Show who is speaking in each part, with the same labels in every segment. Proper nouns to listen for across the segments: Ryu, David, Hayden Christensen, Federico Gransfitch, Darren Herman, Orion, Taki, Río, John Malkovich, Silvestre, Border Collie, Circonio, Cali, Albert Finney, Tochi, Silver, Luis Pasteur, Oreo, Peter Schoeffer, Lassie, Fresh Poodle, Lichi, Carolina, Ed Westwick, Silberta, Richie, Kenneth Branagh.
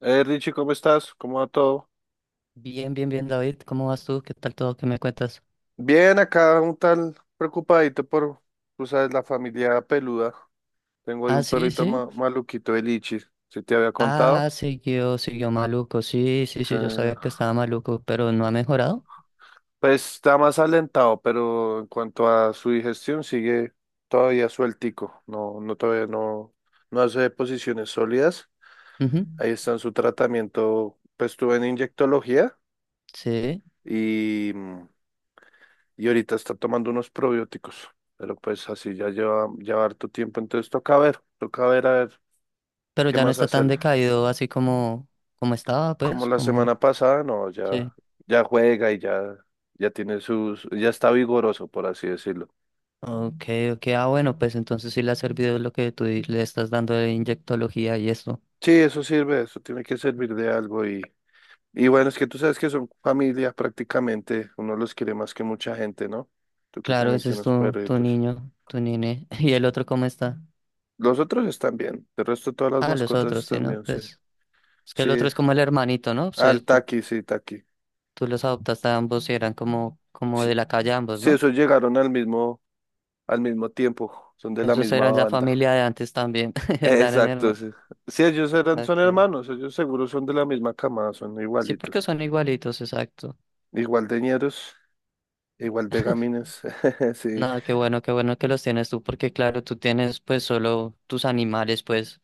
Speaker 1: Richie, ¿cómo estás? ¿Cómo va todo?
Speaker 2: Bien, bien, bien, David. ¿Cómo vas tú? ¿Qué tal todo? ¿Qué me cuentas?
Speaker 1: Bien, acá un tal preocupadito por, tú sabes, la familia peluda. Tengo ahí
Speaker 2: Ah,
Speaker 1: un
Speaker 2: sí,
Speaker 1: perrito
Speaker 2: sí.
Speaker 1: maluquito el Lichi, si te había contado.
Speaker 2: Ah, siguió maluco. Sí, sí,
Speaker 1: Sí.
Speaker 2: sí, yo sabía que estaba maluco, pero no ha mejorado.
Speaker 1: Pues está más alentado, pero en cuanto a su digestión sigue todavía sueltico. No, no todavía no, no hace posiciones sólidas.
Speaker 2: Ujú.
Speaker 1: Ahí está en su tratamiento. Pues estuve en inyectología
Speaker 2: Sí,
Speaker 1: y mm, y ahorita está tomando unos probióticos, pero pues así ya lleva harto tiempo, entonces toca ver a ver
Speaker 2: pero
Speaker 1: qué
Speaker 2: ya no
Speaker 1: más
Speaker 2: está tan
Speaker 1: hacer.
Speaker 2: decaído así como estaba,
Speaker 1: Como
Speaker 2: pues,
Speaker 1: la
Speaker 2: como...
Speaker 1: semana pasada, no, ya,
Speaker 2: Sí.
Speaker 1: ya juega y ya, ya tiene sus, ya está vigoroso, por así decirlo.
Speaker 2: Ok, ok. Ah, bueno, pues entonces sí le ha servido lo que le estás dando de inyectología y esto.
Speaker 1: Sí, eso sirve, eso tiene que servir de algo y bueno, es que tú sabes que son familia prácticamente, uno los quiere más que mucha gente, ¿no? Tú que
Speaker 2: Claro,
Speaker 1: también
Speaker 2: ese es
Speaker 1: tienes
Speaker 2: tu
Speaker 1: perritos.
Speaker 2: niño, tu nene. ¿Y el otro cómo está?
Speaker 1: Los otros están bien, el resto de todas las
Speaker 2: Ah, los
Speaker 1: mascotas
Speaker 2: otros, sí,
Speaker 1: están
Speaker 2: ¿no?
Speaker 1: bien, sí.
Speaker 2: Pues. Es que el otro
Speaker 1: Sí,
Speaker 2: es como el hermanito, ¿no?
Speaker 1: al Taki.
Speaker 2: Tú los adoptaste a ambos y eran como, como de la calle ambos,
Speaker 1: Sí,
Speaker 2: ¿no?
Speaker 1: esos llegaron al mismo tiempo, son de la
Speaker 2: Esos
Speaker 1: misma
Speaker 2: eran ya
Speaker 1: banda.
Speaker 2: familia de antes también, Darren
Speaker 1: Exacto,
Speaker 2: Herman.
Speaker 1: sí. Sí, ellos eran, son
Speaker 2: Okay.
Speaker 1: hermanos, ellos seguro son de la misma camada, son
Speaker 2: Sí, porque
Speaker 1: igualitos.
Speaker 2: son igualitos, exacto.
Speaker 1: Igual de ñeros, igual de gamines. Sí.
Speaker 2: Nada, qué bueno que los tienes tú, porque claro, tú tienes pues solo tus animales, pues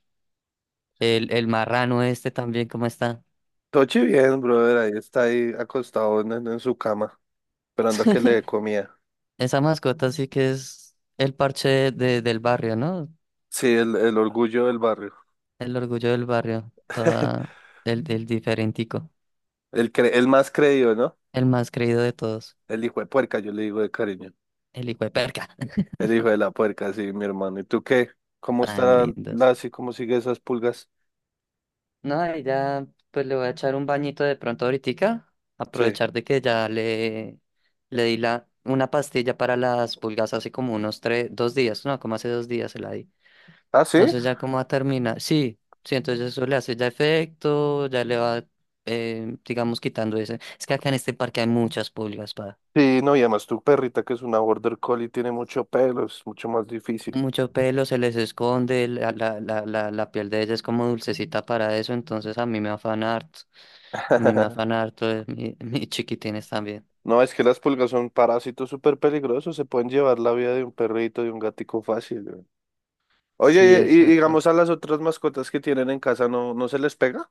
Speaker 2: el marrano este también, ¿cómo está?
Speaker 1: Tochi bien, brother, ahí está ahí acostado en su cama, esperando a que le dé comida.
Speaker 2: Esa mascota sí que es el parche del barrio, ¿no?
Speaker 1: Sí, el orgullo del barrio.
Speaker 2: El orgullo del barrio, el diferentico,
Speaker 1: El más creído, ¿no?
Speaker 2: el más creído de todos,
Speaker 1: El hijo de puerca, yo le digo de cariño.
Speaker 2: el hijo de perca.
Speaker 1: El hijo de la puerca, sí, mi hermano. ¿Y tú qué? ¿Cómo
Speaker 2: Tan
Speaker 1: está la,
Speaker 2: lindos.
Speaker 1: así? ¿Cómo sigue esas pulgas?
Speaker 2: No, y ya pues le voy a echar un bañito de pronto ahoritica,
Speaker 1: Sí.
Speaker 2: aprovechar de que ya le di una pastilla para las pulgas hace como unos tres, dos días, no, como hace 2 días se la di.
Speaker 1: Ah, sí.
Speaker 2: Entonces ya como va a terminar, sí, sí, entonces eso le hace ya efecto, ya le va, digamos, quitando ese. Es que acá en este parque hay muchas pulgas, pa.
Speaker 1: Sí, no, y además tu perrita que es una border collie tiene mucho pelo, es mucho más difícil.
Speaker 2: Mucho pelo, se les esconde, la piel de ella es como dulcecita para eso, entonces a mí me afana harto. A mí me afana harto mis chiquitines también.
Speaker 1: No, es que las pulgas son parásitos súper peligrosos, se pueden llevar la vida de un perrito, de un gatico fácil. Güey,
Speaker 2: Sí,
Speaker 1: oye, y,
Speaker 2: exacto.
Speaker 1: digamos a las otras mascotas que tienen en casa, ¿no, no se les pega?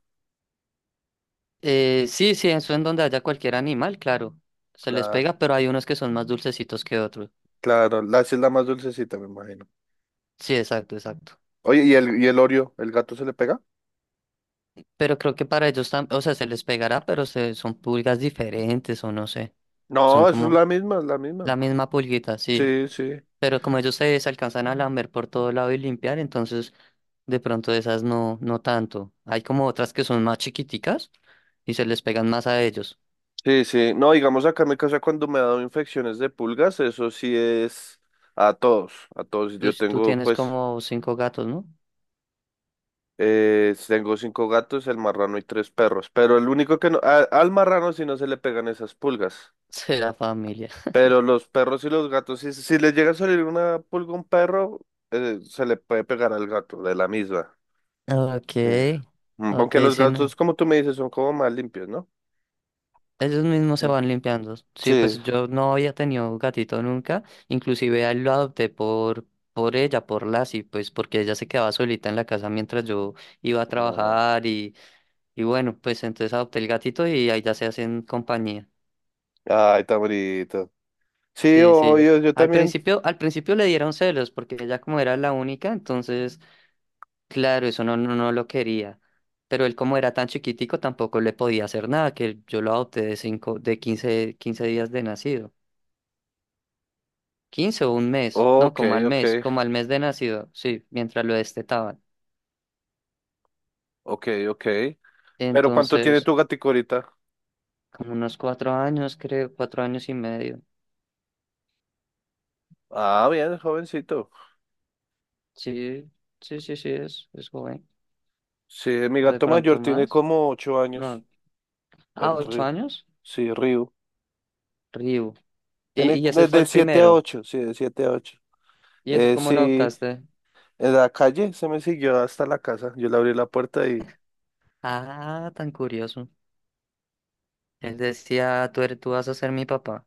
Speaker 2: Sí, sí, eso en donde haya cualquier animal, claro, se les
Speaker 1: Claro,
Speaker 2: pega, pero hay unos que son más dulcecitos que otros.
Speaker 1: claro, la esa es la más dulcecita, me imagino.
Speaker 2: Sí, exacto, exacto.
Speaker 1: Oye, ¿y el Oreo, el gato se le pega?
Speaker 2: Pero creo que para ellos también, o sea, se les pegará, pero son pulgas diferentes o no sé. Son
Speaker 1: No, eso es
Speaker 2: como
Speaker 1: la misma, es la
Speaker 2: la
Speaker 1: misma.
Speaker 2: misma pulguita, sí.
Speaker 1: Sí, sí.
Speaker 2: Pero como ellos se alcanzan a lamer por todo lado y limpiar, entonces de pronto esas no, no tanto. Hay como otras que son más chiquiticas y se les pegan más a ellos.
Speaker 1: Sí, sí. No, digamos acá en mi casa cuando me ha dado infecciones de pulgas, eso sí es a todos, a todos.
Speaker 2: Uy, tú tienes
Speaker 1: Pues,
Speaker 2: como cinco gatos, ¿no?
Speaker 1: tengo cinco gatos, el marrano y tres perros. Pero el único que no, al marrano sí no se le pegan esas pulgas.
Speaker 2: Será familia.
Speaker 1: Pero los perros y los gatos, si le llega a salir una pulga a un perro, se le puede pegar al gato de la misma.
Speaker 2: Ok,
Speaker 1: Sí.
Speaker 2: ok,
Speaker 1: Aunque los
Speaker 2: sí, no.
Speaker 1: gatos, como tú me dices, son como más limpios, ¿no?
Speaker 2: Ellos mismos se
Speaker 1: Mm,
Speaker 2: van limpiando. Sí,
Speaker 1: sí.
Speaker 2: pues yo no había tenido gatito nunca. Inclusive a él lo adopté por ella, por Lassie, pues porque ella se quedaba solita en la casa mientras yo iba a
Speaker 1: No.
Speaker 2: trabajar. Y bueno, pues entonces adopté el gatito y ahí ya se hacen compañía.
Speaker 1: Ay, tan bonito. Sí,
Speaker 2: Sí, sí.
Speaker 1: obvio, yo
Speaker 2: Al
Speaker 1: también.
Speaker 2: principio, al principio le dieron celos porque ella como era la única, entonces, claro, eso no, no, no lo quería. Pero él como era tan chiquitico tampoco le podía hacer nada, que yo lo adopté de quince días de nacido. Quince o un mes, no,
Speaker 1: Ok,
Speaker 2: como al
Speaker 1: ok,
Speaker 2: mes, como al mes de nacido, sí, mientras lo destetaban.
Speaker 1: ok, ok. ¿Pero cuánto tiene
Speaker 2: Entonces,
Speaker 1: tu gatico ahorita?
Speaker 2: como unos 4 años, creo, 4 años y medio.
Speaker 1: Ah, bien, jovencito.
Speaker 2: Sí, sí, sí, sí, es joven.
Speaker 1: Sí, mi
Speaker 2: O de
Speaker 1: gato
Speaker 2: pronto
Speaker 1: mayor tiene
Speaker 2: más.
Speaker 1: como 8 años.
Speaker 2: No. Ah,
Speaker 1: El
Speaker 2: ocho
Speaker 1: Río.
Speaker 2: años.
Speaker 1: Sí, Río.
Speaker 2: Ryu. Y,
Speaker 1: Tiene
Speaker 2: y ese fue
Speaker 1: de
Speaker 2: el
Speaker 1: siete a
Speaker 2: primero.
Speaker 1: ocho, sí, de 7 a 8.
Speaker 2: ¿Y ese cómo lo
Speaker 1: Sí,
Speaker 2: adoptaste?
Speaker 1: en la calle se me siguió hasta la casa. Yo le abrí la puerta y...
Speaker 2: Ah, tan curioso. Él decía, tú vas a ser mi papá.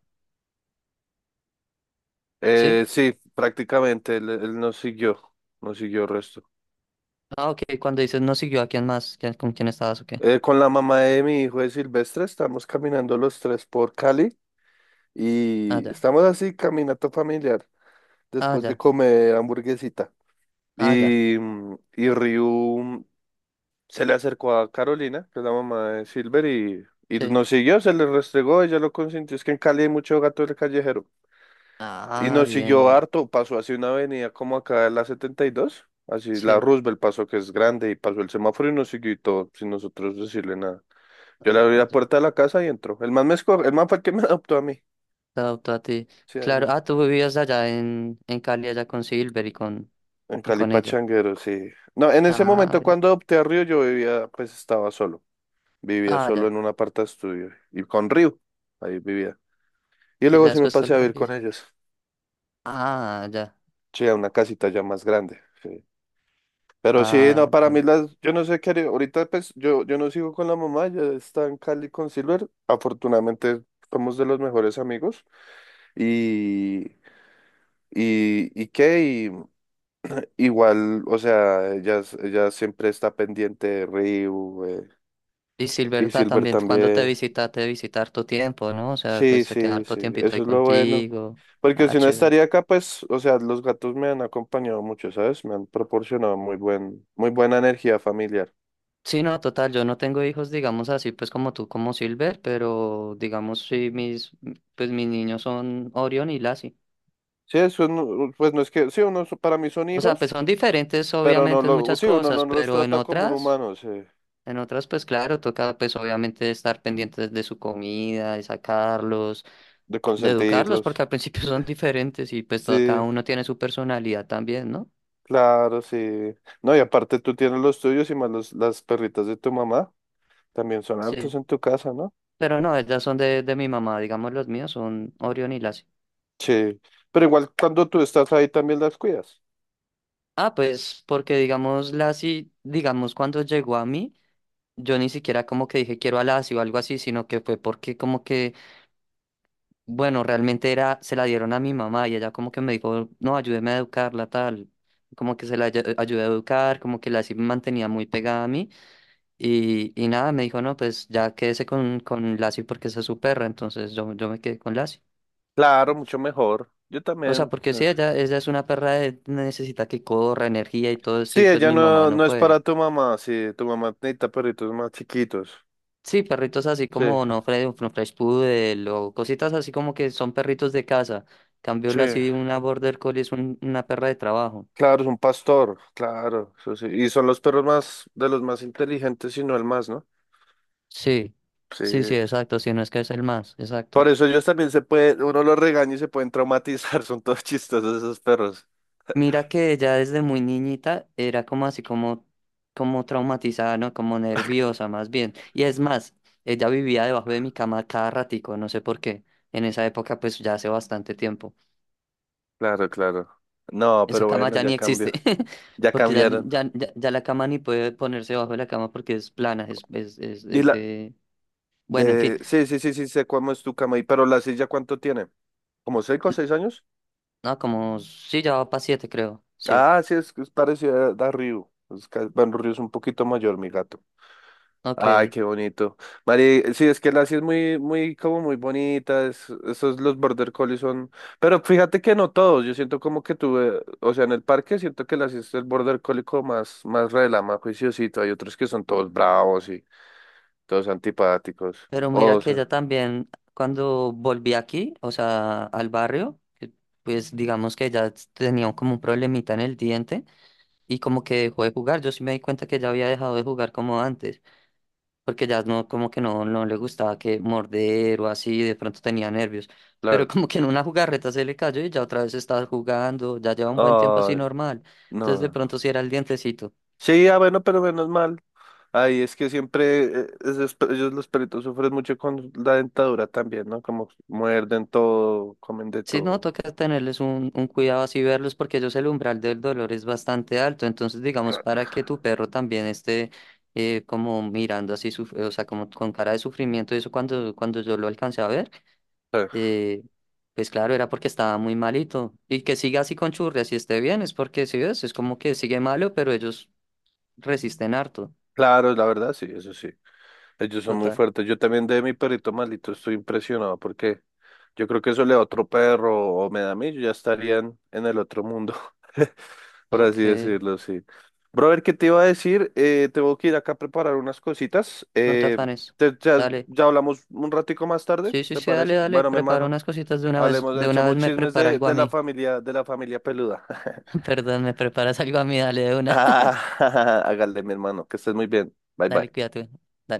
Speaker 2: ¿Sí?
Speaker 1: Sí, prácticamente él nos siguió el resto.
Speaker 2: Ah, ok. Cuando dices no siguió, ¿a quién más? ¿Con quién estabas o qué?
Speaker 1: Con la mamá de mi hijo de Silvestre estamos caminando los tres por Cali
Speaker 2: Ah,
Speaker 1: y
Speaker 2: ya.
Speaker 1: estamos así, caminato familiar,
Speaker 2: Ah,
Speaker 1: después de
Speaker 2: ya.
Speaker 1: comer hamburguesita.
Speaker 2: Ah, ya.
Speaker 1: Y Ryu se le acercó a Carolina, que es la mamá de Silver, y
Speaker 2: Sí.
Speaker 1: nos siguió, se le restregó, ella lo consintió. Es que en Cali hay mucho gato del callejero. Y
Speaker 2: Ah,
Speaker 1: nos
Speaker 2: bien,
Speaker 1: siguió
Speaker 2: bien.
Speaker 1: harto, pasó hacia una avenida como acá en la 72, así la
Speaker 2: Sí.
Speaker 1: Roosevelt pasó, que es grande, y pasó el semáforo y nos siguió y todo, sin nosotros decirle nada. Yo le abrí
Speaker 2: Ah,
Speaker 1: la
Speaker 2: ya.
Speaker 1: puerta de la casa y entró. El man me escogió, el man fue el que me adoptó a mí.
Speaker 2: Te adoptó a ti.
Speaker 1: Sí, ahí
Speaker 2: Claro.
Speaker 1: lo.
Speaker 2: Ah, tú vivías allá en Cali, allá con Silver
Speaker 1: En
Speaker 2: y
Speaker 1: Cali
Speaker 2: con ella.
Speaker 1: Pachanguero, sí. No, en ese
Speaker 2: Ah,
Speaker 1: momento
Speaker 2: bien.
Speaker 1: cuando adopté a Río, yo vivía, pues estaba solo. Vivía
Speaker 2: Ah,
Speaker 1: solo
Speaker 2: ya.
Speaker 1: en un aparta estudio. Y con Río, ahí vivía. Y
Speaker 2: Y ya
Speaker 1: luego sí me
Speaker 2: después te
Speaker 1: pasé a
Speaker 2: lo
Speaker 1: vivir con
Speaker 2: trajiste.
Speaker 1: ellos.
Speaker 2: Ah, ya.
Speaker 1: Sí, a una casita ya más grande. Sí. Pero sí, no,
Speaker 2: Ah,
Speaker 1: para
Speaker 2: ya.
Speaker 1: mí las, yo no sé qué haría. Ahorita pues yo no sigo con la mamá, ya está en Cali con Silver. Afortunadamente somos de los mejores amigos. Y, y qué, y igual, o sea, ella siempre está pendiente de Río.
Speaker 2: Y
Speaker 1: Y
Speaker 2: Silberta
Speaker 1: Silver
Speaker 2: también, cuando
Speaker 1: también.
Speaker 2: te visita harto tiempo, ¿no? O sea, pues
Speaker 1: Sí,
Speaker 2: se queda
Speaker 1: sí,
Speaker 2: harto
Speaker 1: sí,
Speaker 2: tiempito ahí
Speaker 1: eso es lo bueno.
Speaker 2: contigo.
Speaker 1: Porque
Speaker 2: Ah,
Speaker 1: si no
Speaker 2: chévere.
Speaker 1: estaría acá, pues, o sea, los gatos me han acompañado mucho, ¿sabes? Me han proporcionado muy buen, muy buena energía familiar.
Speaker 2: Sí, no, total, yo no tengo hijos, digamos así, pues como tú, como Silver, pero digamos sí, pues mis niños son Orion y Lassie.
Speaker 1: Sí, eso no- pues no es que, sí, uno, para mí son
Speaker 2: O sea, pues
Speaker 1: hijos,
Speaker 2: son diferentes
Speaker 1: pero no
Speaker 2: obviamente en
Speaker 1: lo,
Speaker 2: muchas
Speaker 1: sí, uno no
Speaker 2: cosas,
Speaker 1: los
Speaker 2: pero en
Speaker 1: trata como un
Speaker 2: otras,
Speaker 1: humano, sí,
Speaker 2: en otras pues claro, toca pues obviamente estar pendientes de su comida, de sacarlos,
Speaker 1: de
Speaker 2: de educarlos,
Speaker 1: consentirlos.
Speaker 2: porque al principio son diferentes y pues cada
Speaker 1: Sí,
Speaker 2: uno tiene su personalidad también, ¿no?
Speaker 1: claro, sí. No, y aparte tú tienes los tuyos y más los, las perritas de tu mamá, también son hartos
Speaker 2: Sí.
Speaker 1: en tu casa, ¿no?
Speaker 2: Pero no, ellas son de mi mamá, digamos los míos son Orión y Lassie.
Speaker 1: Sí, pero igual cuando tú estás ahí también las cuidas.
Speaker 2: Ah, pues porque digamos Lassie, digamos cuando llegó a mí, yo ni siquiera como que dije quiero a Lassie o algo así, sino que fue porque como que, bueno, realmente era, se la dieron a mi mamá y ella como que me dijo, no, ayúdeme a educarla, tal. Como que se la ayudé a educar, como que Lassie me mantenía muy pegada a mí y nada, me dijo, no, pues ya quédese con Lassie porque esa es su perra, entonces yo me quedé con Lassie.
Speaker 1: Claro, mucho mejor. Yo
Speaker 2: O sea,
Speaker 1: también.
Speaker 2: porque
Speaker 1: Sí,
Speaker 2: sí, ella es una perra de necesita que corra, energía y todo esto,
Speaker 1: sí,
Speaker 2: y pues
Speaker 1: ella
Speaker 2: mi mamá
Speaker 1: no, no
Speaker 2: no
Speaker 1: es para
Speaker 2: puede.
Speaker 1: tu mamá. Sí, tu mamá necesita perritos más chiquitos.
Speaker 2: Sí, perritos así
Speaker 1: Sí,
Speaker 2: como no Fresh Poodle o cositas así como que son perritos de casa. Cambio la
Speaker 1: sí.
Speaker 2: sí, una Border Collie es una perra de trabajo.
Speaker 1: Claro, es un pastor. Claro, eso sí. Y son los perros más, de los más inteligentes y no el más, ¿no?
Speaker 2: Sí,
Speaker 1: Sí.
Speaker 2: sí, sí, exacto, si no es que es el más,
Speaker 1: Por
Speaker 2: exacto.
Speaker 1: eso ellos también se puede, uno los regaña y se pueden traumatizar. Son todos chistosos esos perros.
Speaker 2: Mira que ella desde muy niñita era como así como traumatizada, ¿no? Como nerviosa más bien. Y es más, ella vivía debajo de mi cama cada ratico, no sé por qué. En esa época, pues ya hace bastante tiempo.
Speaker 1: Claro, claro. No,
Speaker 2: Esa
Speaker 1: pero
Speaker 2: cama
Speaker 1: bueno,
Speaker 2: ya
Speaker 1: ya
Speaker 2: ni existe,
Speaker 1: cambió. Ya
Speaker 2: porque ya,
Speaker 1: cambiaron.
Speaker 2: ya, ya, ya la cama ni puede ponerse debajo de la cama porque es plana, es, es, es,
Speaker 1: Y
Speaker 2: es
Speaker 1: la
Speaker 2: de. Bueno, en fin.
Speaker 1: de, sí, sí, sí, sí, sé cómo es tu cama. Y pero la silla, ¿cuánto tiene? ¿Como 6 o 6 años?
Speaker 2: No, como sí, ya va para siete, creo. Sí,
Speaker 1: Ah, sí, es parecido a Ryu. Bueno, Ryu es un poquito mayor, mi gato. Ay,
Speaker 2: ok.
Speaker 1: qué bonito. Mari, sí, es que la sí es muy, muy, como muy bonita. Esos los border collies son. Pero fíjate que no todos. Yo siento como que tuve, o sea, en el parque siento que la sí es el border collie como más, más rela, juiciosito. Hay otros que son todos bravos y todos antipáticos.
Speaker 2: Pero mira
Speaker 1: O
Speaker 2: que
Speaker 1: sea,
Speaker 2: ella también, cuando volví aquí, o sea, al barrio, que, pues digamos que ella tenía como un problemita en el diente y como que dejó de jugar. Yo sí me di cuenta que ella había dejado de jugar como antes, porque ya no, como que no, no le gustaba que morder o así, de pronto tenía nervios. Pero
Speaker 1: claro.
Speaker 2: como que en una jugarreta se le cayó y ya otra vez está jugando, ya lleva un buen tiempo así
Speaker 1: Ay,
Speaker 2: normal. Entonces de
Speaker 1: no.
Speaker 2: pronto sí era el dientecito.
Speaker 1: Sí, ah, bueno, pero menos mal. Ay, es que siempre ellos los perritos sufren mucho con la dentadura también, ¿no? Como muerden todo, comen de
Speaker 2: Sí, no,
Speaker 1: todo.
Speaker 2: toca tenerles un, cuidado así, verlos, porque ellos el umbral del dolor es bastante alto. Entonces, digamos, para que tu perro también esté como mirando así, o sea, como con cara de sufrimiento, eso cuando yo lo alcancé a ver,
Speaker 1: Eh,
Speaker 2: eh, pues claro, era porque estaba muy malito. Y que siga así con churrias y esté bien, es porque, si ves, es como que sigue malo, pero ellos resisten harto.
Speaker 1: Claro, la verdad, sí, eso sí. Ellos son muy
Speaker 2: Total.
Speaker 1: fuertes. Yo también de mi perrito malito estoy impresionado porque yo creo que eso le da a otro perro o me da a mí, yo ya estarían en el otro mundo, por
Speaker 2: Ok,
Speaker 1: así decirlo, sí. Brother, ¿qué te iba a decir? Tengo que ir acá a preparar unas cositas.
Speaker 2: no te
Speaker 1: Eh,
Speaker 2: afanes.
Speaker 1: te- ya,
Speaker 2: Dale.
Speaker 1: ya hablamos un ratico más tarde,
Speaker 2: Sí, sí,
Speaker 1: ¿te
Speaker 2: sí, dale,
Speaker 1: parece?
Speaker 2: dale.
Speaker 1: Bueno, mi
Speaker 2: Prepara
Speaker 1: hermano.
Speaker 2: unas cositas
Speaker 1: Hablemos,
Speaker 2: de una vez
Speaker 1: echamos
Speaker 2: me
Speaker 1: chismes
Speaker 2: prepara
Speaker 1: de,
Speaker 2: algo a
Speaker 1: de la
Speaker 2: mí.
Speaker 1: familia, de la familia peluda.
Speaker 2: Perdón, me preparas algo a mí, dale de una.
Speaker 1: Ah, hágale, mi hermano, que estés muy bien. Bye
Speaker 2: Dale,
Speaker 1: bye.
Speaker 2: cuídate.